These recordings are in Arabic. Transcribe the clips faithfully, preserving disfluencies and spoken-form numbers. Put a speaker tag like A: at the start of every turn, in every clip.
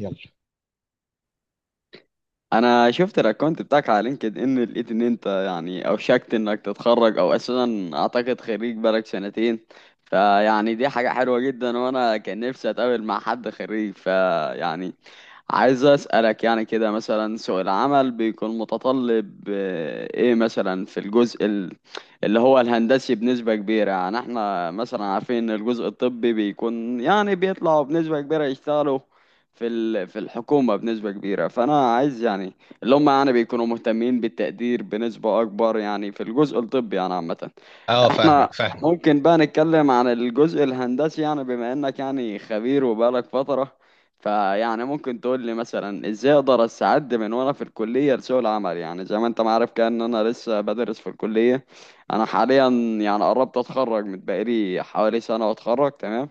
A: يلا.
B: انا شفت الاكونت بتاعك على لينكد ان، لقيت ان انت يعني اوشكت انك تتخرج او اساسا اعتقد خريج بقالك سنتين. فيعني دي حاجة حلوة جدا، وانا كان نفسي اتقابل مع حد خريج. فيعني عايز أسألك يعني كده، مثلا سوق العمل بيكون متطلب آه، ايه مثلا في الجزء ال- اللي هو الهندسي بنسبة كبيرة؟ يعني احنا مثلا عارفين ان الجزء الطبي بيكون يعني بيطلعوا بنسبة كبيرة يشتغلوا في ال- في الحكومة بنسبة كبيرة. فأنا عايز يعني اللي هم يعني بيكونوا مهتمين بالتقدير بنسبة أكبر يعني في الجزء الطبي يعني عامة.
A: اه فاهمك
B: احنا
A: فاهمك.
B: ممكن بقى نتكلم عن الجزء الهندسي، يعني بما انك يعني خبير وبقالك فترة. فيعني ممكن تقول لي مثلا ازاي اقدر استعد من وانا في الكلية لسوق العمل؟ يعني زي ما انت ما عارف كده ان انا لسه بدرس في الكلية. انا حاليا يعني قربت اتخرج، من بقالي حوالي سنة واتخرج، تمام.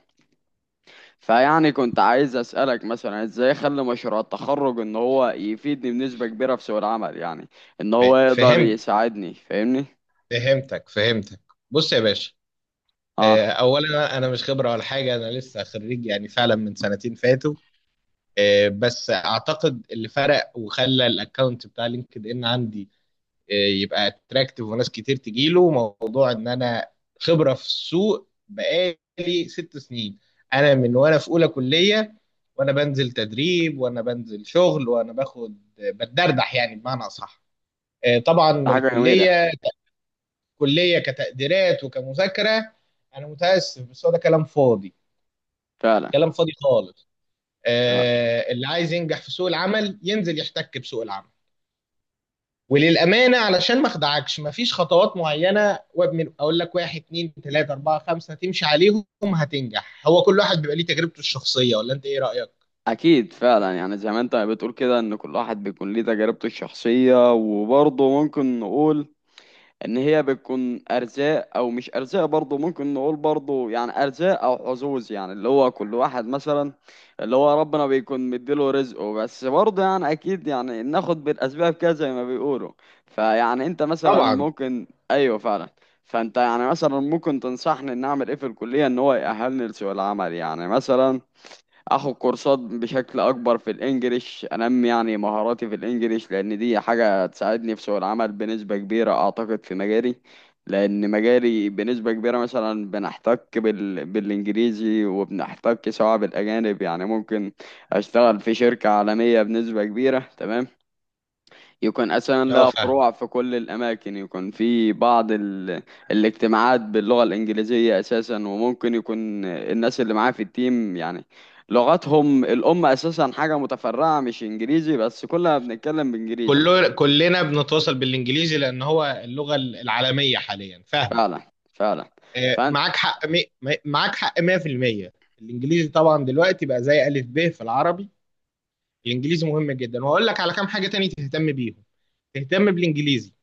B: فيعني كنت عايز اسألك مثلا ازاي اخلي مشروع التخرج ان هو يفيدني بنسبة كبيرة في سوق العمل، يعني ان
A: ف-
B: هو يقدر
A: فهمت.
B: يساعدني، فاهمني؟
A: فهمتك فهمتك. بص يا باشا.
B: اه،
A: آه، اولا انا مش خبره ولا حاجه، انا لسه خريج يعني فعلا من سنتين فاتوا. آه، بس اعتقد اللي فرق وخلى الاكونت بتاع لينكد ان عندي آه، يبقى اتراكتيف وناس كتير تجيله، موضوع ان انا خبره في السوق بقالي ست سنين. انا من وانا في اولى كليه وانا بنزل تدريب وانا بنزل شغل وانا باخد بتدردح، يعني بمعنى اصح. آه، طبعا
B: ده حاجة جميلة.
A: الكليه، الكليه كتقديرات وكمذاكره، انا متاسف بس هو ده كلام فاضي.
B: فعلا.
A: كلام فاضي خالص. آه، اللي عايز ينجح في سوق العمل ينزل يحتك بسوق العمل. وللامانه علشان ما اخدعكش، مفيش خطوات معينه وابن اقول لك واحد اتنين تلاته اربعه خمسه تمشي عليهم هتنجح، هو كل واحد بيبقى ليه تجربته الشخصيه، ولا انت ايه رايك؟
B: أكيد، فعلا يعني زي ما أنت بتقول كده إن كل واحد بيكون ليه تجربته الشخصية، وبرضه ممكن نقول إن هي بتكون أرزاق أو مش أرزاق، برضه ممكن نقول برضه يعني أرزاق أو حظوظ، يعني اللي هو كل واحد مثلا اللي هو ربنا بيكون مديله رزقه، بس برضه يعني أكيد يعني ناخد بالأسباب كده زي ما بيقولوا. فيعني أنت مثلا
A: طبعا.
B: ممكن، أيوه فعلا. فأنت يعني مثلا ممكن تنصحني إن أعمل إيه في الكلية إن هو يأهلني لسوق العمل؟ يعني مثلا اخد كورسات بشكل اكبر في الانجليش، انمي يعني مهاراتي في الانجليش، لان دي حاجة تساعدني في سوق العمل بنسبة كبيرة اعتقد في مجالي. لان مجالي بنسبة كبيرة مثلا بنحتك بال... بالانجليزي، وبنحتك سواء بالاجانب، يعني ممكن اشتغل في شركة عالمية بنسبة كبيرة، تمام. يكون أساسا
A: اه
B: لها
A: فاهم.
B: فروع في كل الأماكن، يكون في بعض ال... الاجتماعات باللغة الإنجليزية أساسا، وممكن يكون الناس اللي معاه في التيم يعني لغتهم الأم أساسا حاجة متفرعة مش إنجليزي، بس كلنا بنتكلم بإنجليزي.
A: كله كلنا بنتواصل بالانجليزي لان هو اللغه العالميه حاليا، فاهمك.
B: فعلا فعلا.
A: آه،
B: فأنت.
A: معاك حق مي... مي- معاك حق مية بالمية. الانجليزي طبعا دلوقتي بقى زي الف ب في العربي. الانجليزي مهم جدا، وهقول لك على كام حاجه تاني تهتم بيهم. تهتم بالانجليزي.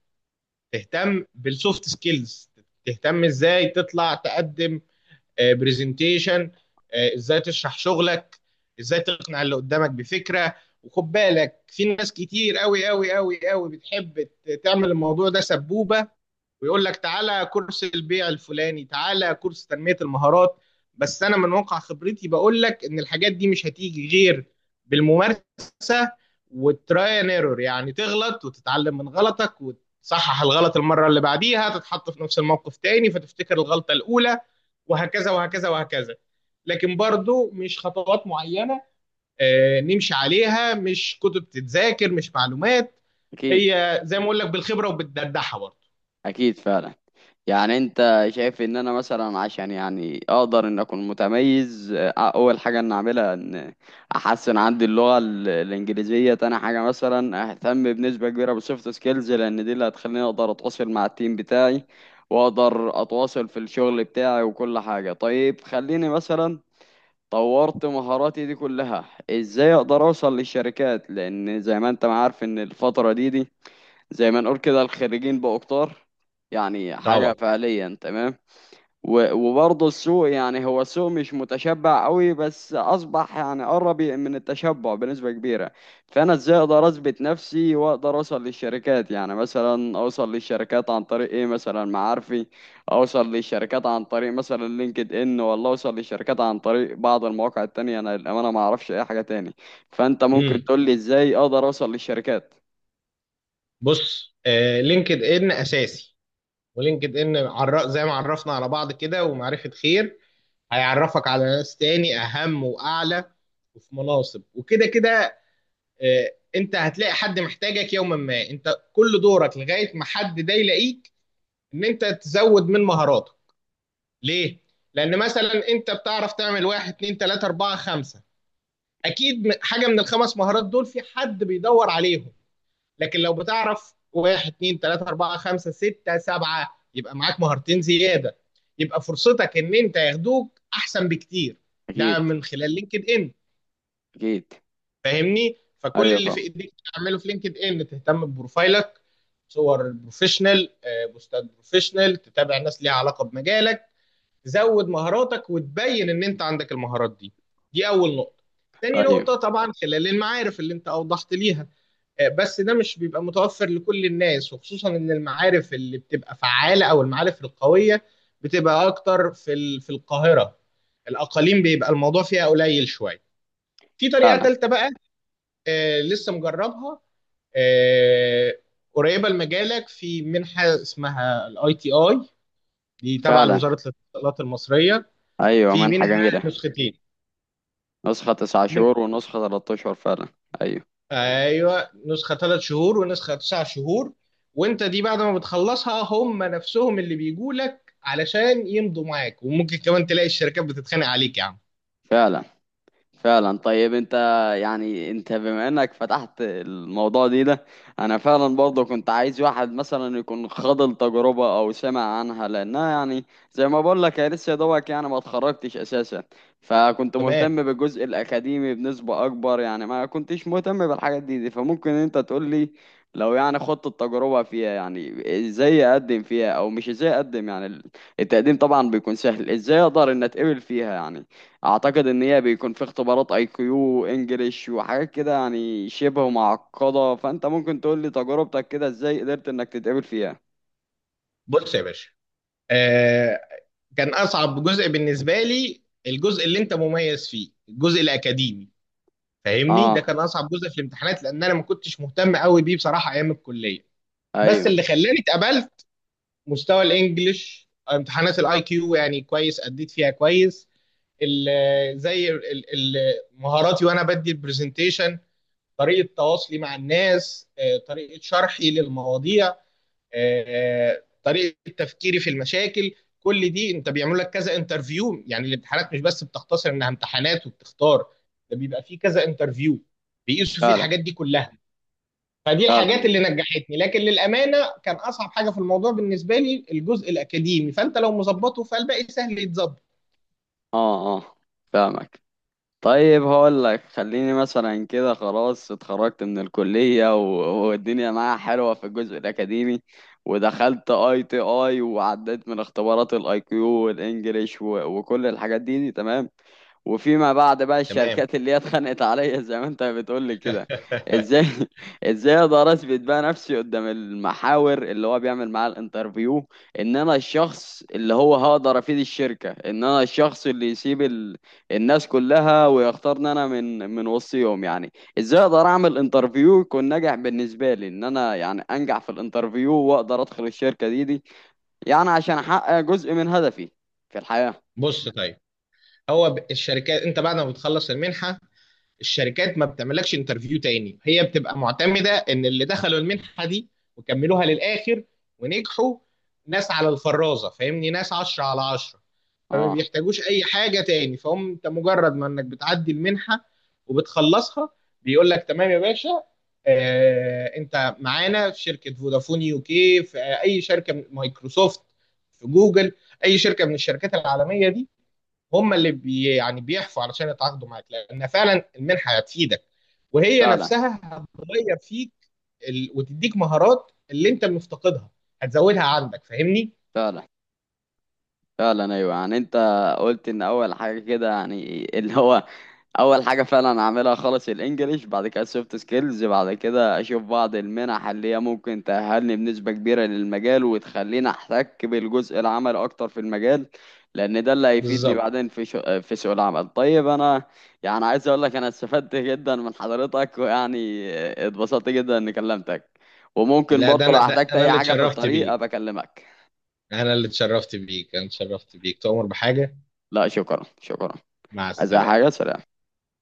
A: تهتم بالسوفت سكيلز. تهتم ازاي تطلع تقدم برزنتيشن. ازاي تشرح شغلك. ازاي تقنع اللي قدامك بفكره. وخد بالك، في ناس كتير قوي قوي قوي قوي بتحب ت- تعمل الموضوع ده سبوبه. ويقول لك تعالى كورس البيع الفلاني، تعالى كورس تنمية المهارات. بس انا من واقع خبرتي بقول لك ان الحاجات دي مش هتيجي غير بالممارسة والتراي اند ايرور، يعني تغلط وتتعلم من غلطك وتصحح الغلط المرة اللي بعديها، تتحط في نفس الموقف تاني فتفتكر الغلطة الأولى، وهكذا وهكذا وهكذا. لكن برضو مش خطوات معينة آه، نمشي عليها، مش كتب تتذاكر، مش معلومات.
B: أكيد
A: هي زي ما اقول لك بالخبرة وبالدردحة برضو.
B: أكيد. فعلا، يعني انت شايف ان انا مثلا عشان يعني اقدر ان اكون متميز، اه، اول حاجة ان اعملها ان احسن عندي اللغة ال- الانجليزية. تاني حاجة مثلا اهتم بنسبة كبيرة بالسوفت سكيلز، لان دي اللي هتخليني اقدر اتواصل مع التيم بتاعي واقدر اتواصل في الشغل بتاعي وكل حاجة. طيب خليني مثلا طورت مهاراتي دي كلها، ازاي اقدر اوصل للشركات؟ لان زي ما انت ما عارف ان الفترة دي دي زي ما نقول كده الخريجين بقوا كتار، يعني حاجة
A: طبعا.
B: فعليا، تمام. و- وبرضه السوق يعني هو السوق مش متشبع قوي، بس أصبح يعني قرب من التشبع بنسبة كبيرة. فأنا إزاي أقدر أثبت نفسي وأقدر أوصل للشركات؟ يعني مثلا أوصل للشركات عن طريق إيه؟ مثلا معارفي، أوصل للشركات عن طريق مثلا لينكد إن، ولا أوصل للشركات عن طريق بعض المواقع التانية؟ أنا للأمانة ما أعرفش أي حاجة تاني، فأنت ممكن
A: امم
B: تقول لي إزاي أقدر أوصل للشركات؟
A: بص آه لينكد ان اساسي. ولينكد ان عر... زي ما عرفنا على بعض كده، ومعرفه خير، هيعرفك على ناس تاني اهم واعلى، وفي مناصب وكده كده. آه انت هتلاقي حد محتاجك يوما ما، انت كل دورك لغايه ما حد ده يلاقيك، ان انت تزود من مهاراته. ليه؟ لان مثلا انت بتعرف تعمل واحد اتنين تلاته اربعه خمسه، اكيد م- حاجه من الخمس مهارات دول في حد بيدور عليهم. لكن لو بتعرف واحد اتنين تلاته اربعه خمسه سته سبعه، يبقى معاك مهارتين زياده، يبقى فرصتك ان انت ياخدوك احسن بكتير. ده
B: أكيد
A: من خلال لينكد ان،
B: أكيد.
A: فاهمني. فكل
B: ايوه
A: اللي في
B: فاهم.
A: ايديك تعمله في لينكد ان، تهتم ببروفايلك، صور البروفيشنال آه، بوستات بروفيشنال، تتابع ناس ليها علاقه بمجالك، تزود مهاراتك وتبين ان انت عندك المهارات دي. دي اول نقطه. تاني
B: ايوه
A: نقطه طبعا خلال المعارف اللي انت اوضحت ليها آه، بس ده مش بيبقى متوفر لكل الناس، وخصوصا ان المعارف اللي بتبقى فعالة او المعارف القوية بتبقى اكتر في ال- في القاهرة. الاقاليم بيبقى الموضوع فيها قليل شوية. في طريقة
B: فعلا
A: تالتة بقى آه، لسه مجربها. آه، قريبة لمجالك، في منحة اسمها الاي تي اي، دي تابعة
B: فعلا.
A: لوزارة الاتصالات المصرية.
B: ايوه
A: في
B: منحة
A: منها
B: جميلة.
A: نسختين.
B: نسخة تسعة شهور ونسخة تلات اشهر، فعلا. ايوه.
A: ايوه، نسخه ثلاث شهور ونسخه تسع شهور. وانت دي بعد ما بتخلصها، هم نفسهم اللي بيجوا لك علشان يمضوا معاك، وممكن كمان تلاقي الشركات بتتخانق عليك يا عم.
B: فعلا فعلا طيب انت، يعني انت بما انك فتحت الموضوع دي ده انا فعلا برضه كنت عايز واحد مثلا يكون خاض التجربة او سمع عنها، لانها يعني زي ما بقول لك، يا لسه دوبك يعني ما اتخرجتش اساسا، فكنت
A: تمام.
B: مهتم بالجزء الاكاديمي بنسبة اكبر، يعني ما كنتش مهتم بالحاجات دي, دي. فممكن انت تقول لي لو يعني خدت التجربة فيها، يعني ازاي اقدم فيها؟ او مش ازاي اقدم، يعني التقديم طبعا بيكون سهل، ازاي اقدر ان اتقبل فيها؟ يعني اعتقد ان هي بيكون في اختبارات اي كيو انجليش وحاجات كده، يعني شبه معقده، فانت ممكن تقول لي تجربتك كده ازاي قدرت انك تتقبل فيها؟
A: بص يا باشا. آه كان اصعب جزء بالنسبه لي الجزء اللي انت مميز فيه، الجزء الاكاديمي، فاهمني. ده
B: اه.
A: كان اصعب جزء في الامتحانات، لان انا ما كنتش مهتم قوي بيه بصراحه ايام الكليه. بس
B: ايوه.
A: اللي خلاني اتقبلت مستوى الانجليش، امتحانات الاي كيو يعني كويس، اديت فيها كويس. ال- زي ال- ال- مهاراتي وانا بدي البرزنتيشن، طريقه تواصلي مع الناس آه، طريقه شرحي للمواضيع آه، آه، طريقه تفكيري في المشاكل. كل دي انت بيعمل لك كذا انترفيو، يعني الامتحانات مش بس بتختصر انها امتحانات وبتختار، ده بيبقى فيه كذا انترفيو بيقيسوا فيه
B: فعلا.
A: الحاجات دي كلها. فدي
B: فعلا
A: الحاجات
B: أيوة.
A: اللي نجحتني، لكن للامانه كان اصعب حاجه في الموضوع بالنسبه لي الجزء الاكاديمي، فانت لو مظبطه فالباقي سهل يتظبط.
B: اه اه، فاهمك. طيب هقول لك، خليني مثلا كده خلاص اتخرجت من الكلية و- والدنيا معايا حلوة في الجزء الأكاديمي، ودخلت اي تي اي وعديت من اختبارات الاي كيو والانجليش و- وكل الحاجات دي, دي تمام، وفيما بعد بقى
A: تمام.
B: الشركات اللي هي اتخانقت عليا زي ما انت بتقول لي كده. ازاي ازاي اقدر اثبت بقى نفسي قدام المحاور اللي هو بيعمل معاه الانترفيو، ان انا الشخص اللي هو هقدر افيد الشركة، ان انا الشخص اللي يسيب الناس كلها ويختارني انا من من وسطهم؟ يعني ازاي اقدر اعمل انترفيو يكون ناجح بالنسبه لي، ان انا يعني انجح في الانترفيو واقدر ادخل الشركه دي دي يعني عشان احقق جزء من هدفي في الحياه.
A: بص طيب، هو ب- الشركات انت بعد ما بتخلص المنحه، الشركات ما بتعملكش انترفيو تاني، هي بتبقى معتمده ان اللي دخلوا المنحه دي وكملوها للاخر ونجحوا، ناس على الفرازه، فاهمني، ناس عشرة على عشرة. فما
B: اه
A: بيحتاجوش اي حاجه تاني، فهم انت مجرد ما انك بتعدي المنحه وبتخلصها، بيقول لك تمام يا باشا. آه انت معانا في شركه فودافون يو كي، في اي شركه من مايكروسوفت، في جوجل، اي شركه من الشركات العالميه دي. هم اللي بي يعني بيحفوا علشان يتعاقدوا معاك، لان فعلا المنحه هتفيدك، وهي
B: فعلا
A: نفسها هتغير فيك ال... وتديك مهارات اللي انت مفتقدها، هتزودها عندك، فاهمني.
B: فعلا فعلا. ايوه يعني انت قلت ان اول حاجه كده يعني اللي هو اول حاجه فعلا اعملها خالص الانجليش، بعد كده السوفت سكيلز، بعد كده اشوف بعض المنح اللي هي ممكن تأهلني بنسبه كبيره للمجال وتخليني احتك بالجزء العملي اكتر في المجال، لان ده اللي هيفيدني
A: بالظبط.
B: بعدين في شو... في سوق العمل. طيب انا يعني عايز اقول لك انا استفدت جدا من حضرتك، ويعني اتبسطت جدا اني كلمتك، وممكن
A: لا، ده
B: برضه لو
A: انا، ده
B: احتجت
A: انا
B: اي
A: اللي
B: حاجه في
A: اتشرفت
B: الطريق
A: بيك،
B: ابقى اكلمك.
A: انا اللي اتشرفت بيك، انا اتشرفت بيك، تؤمر بحاجة.
B: لا شكرا شكرا.
A: مع
B: عايزة
A: السلامة.
B: حاجة؟ سلام.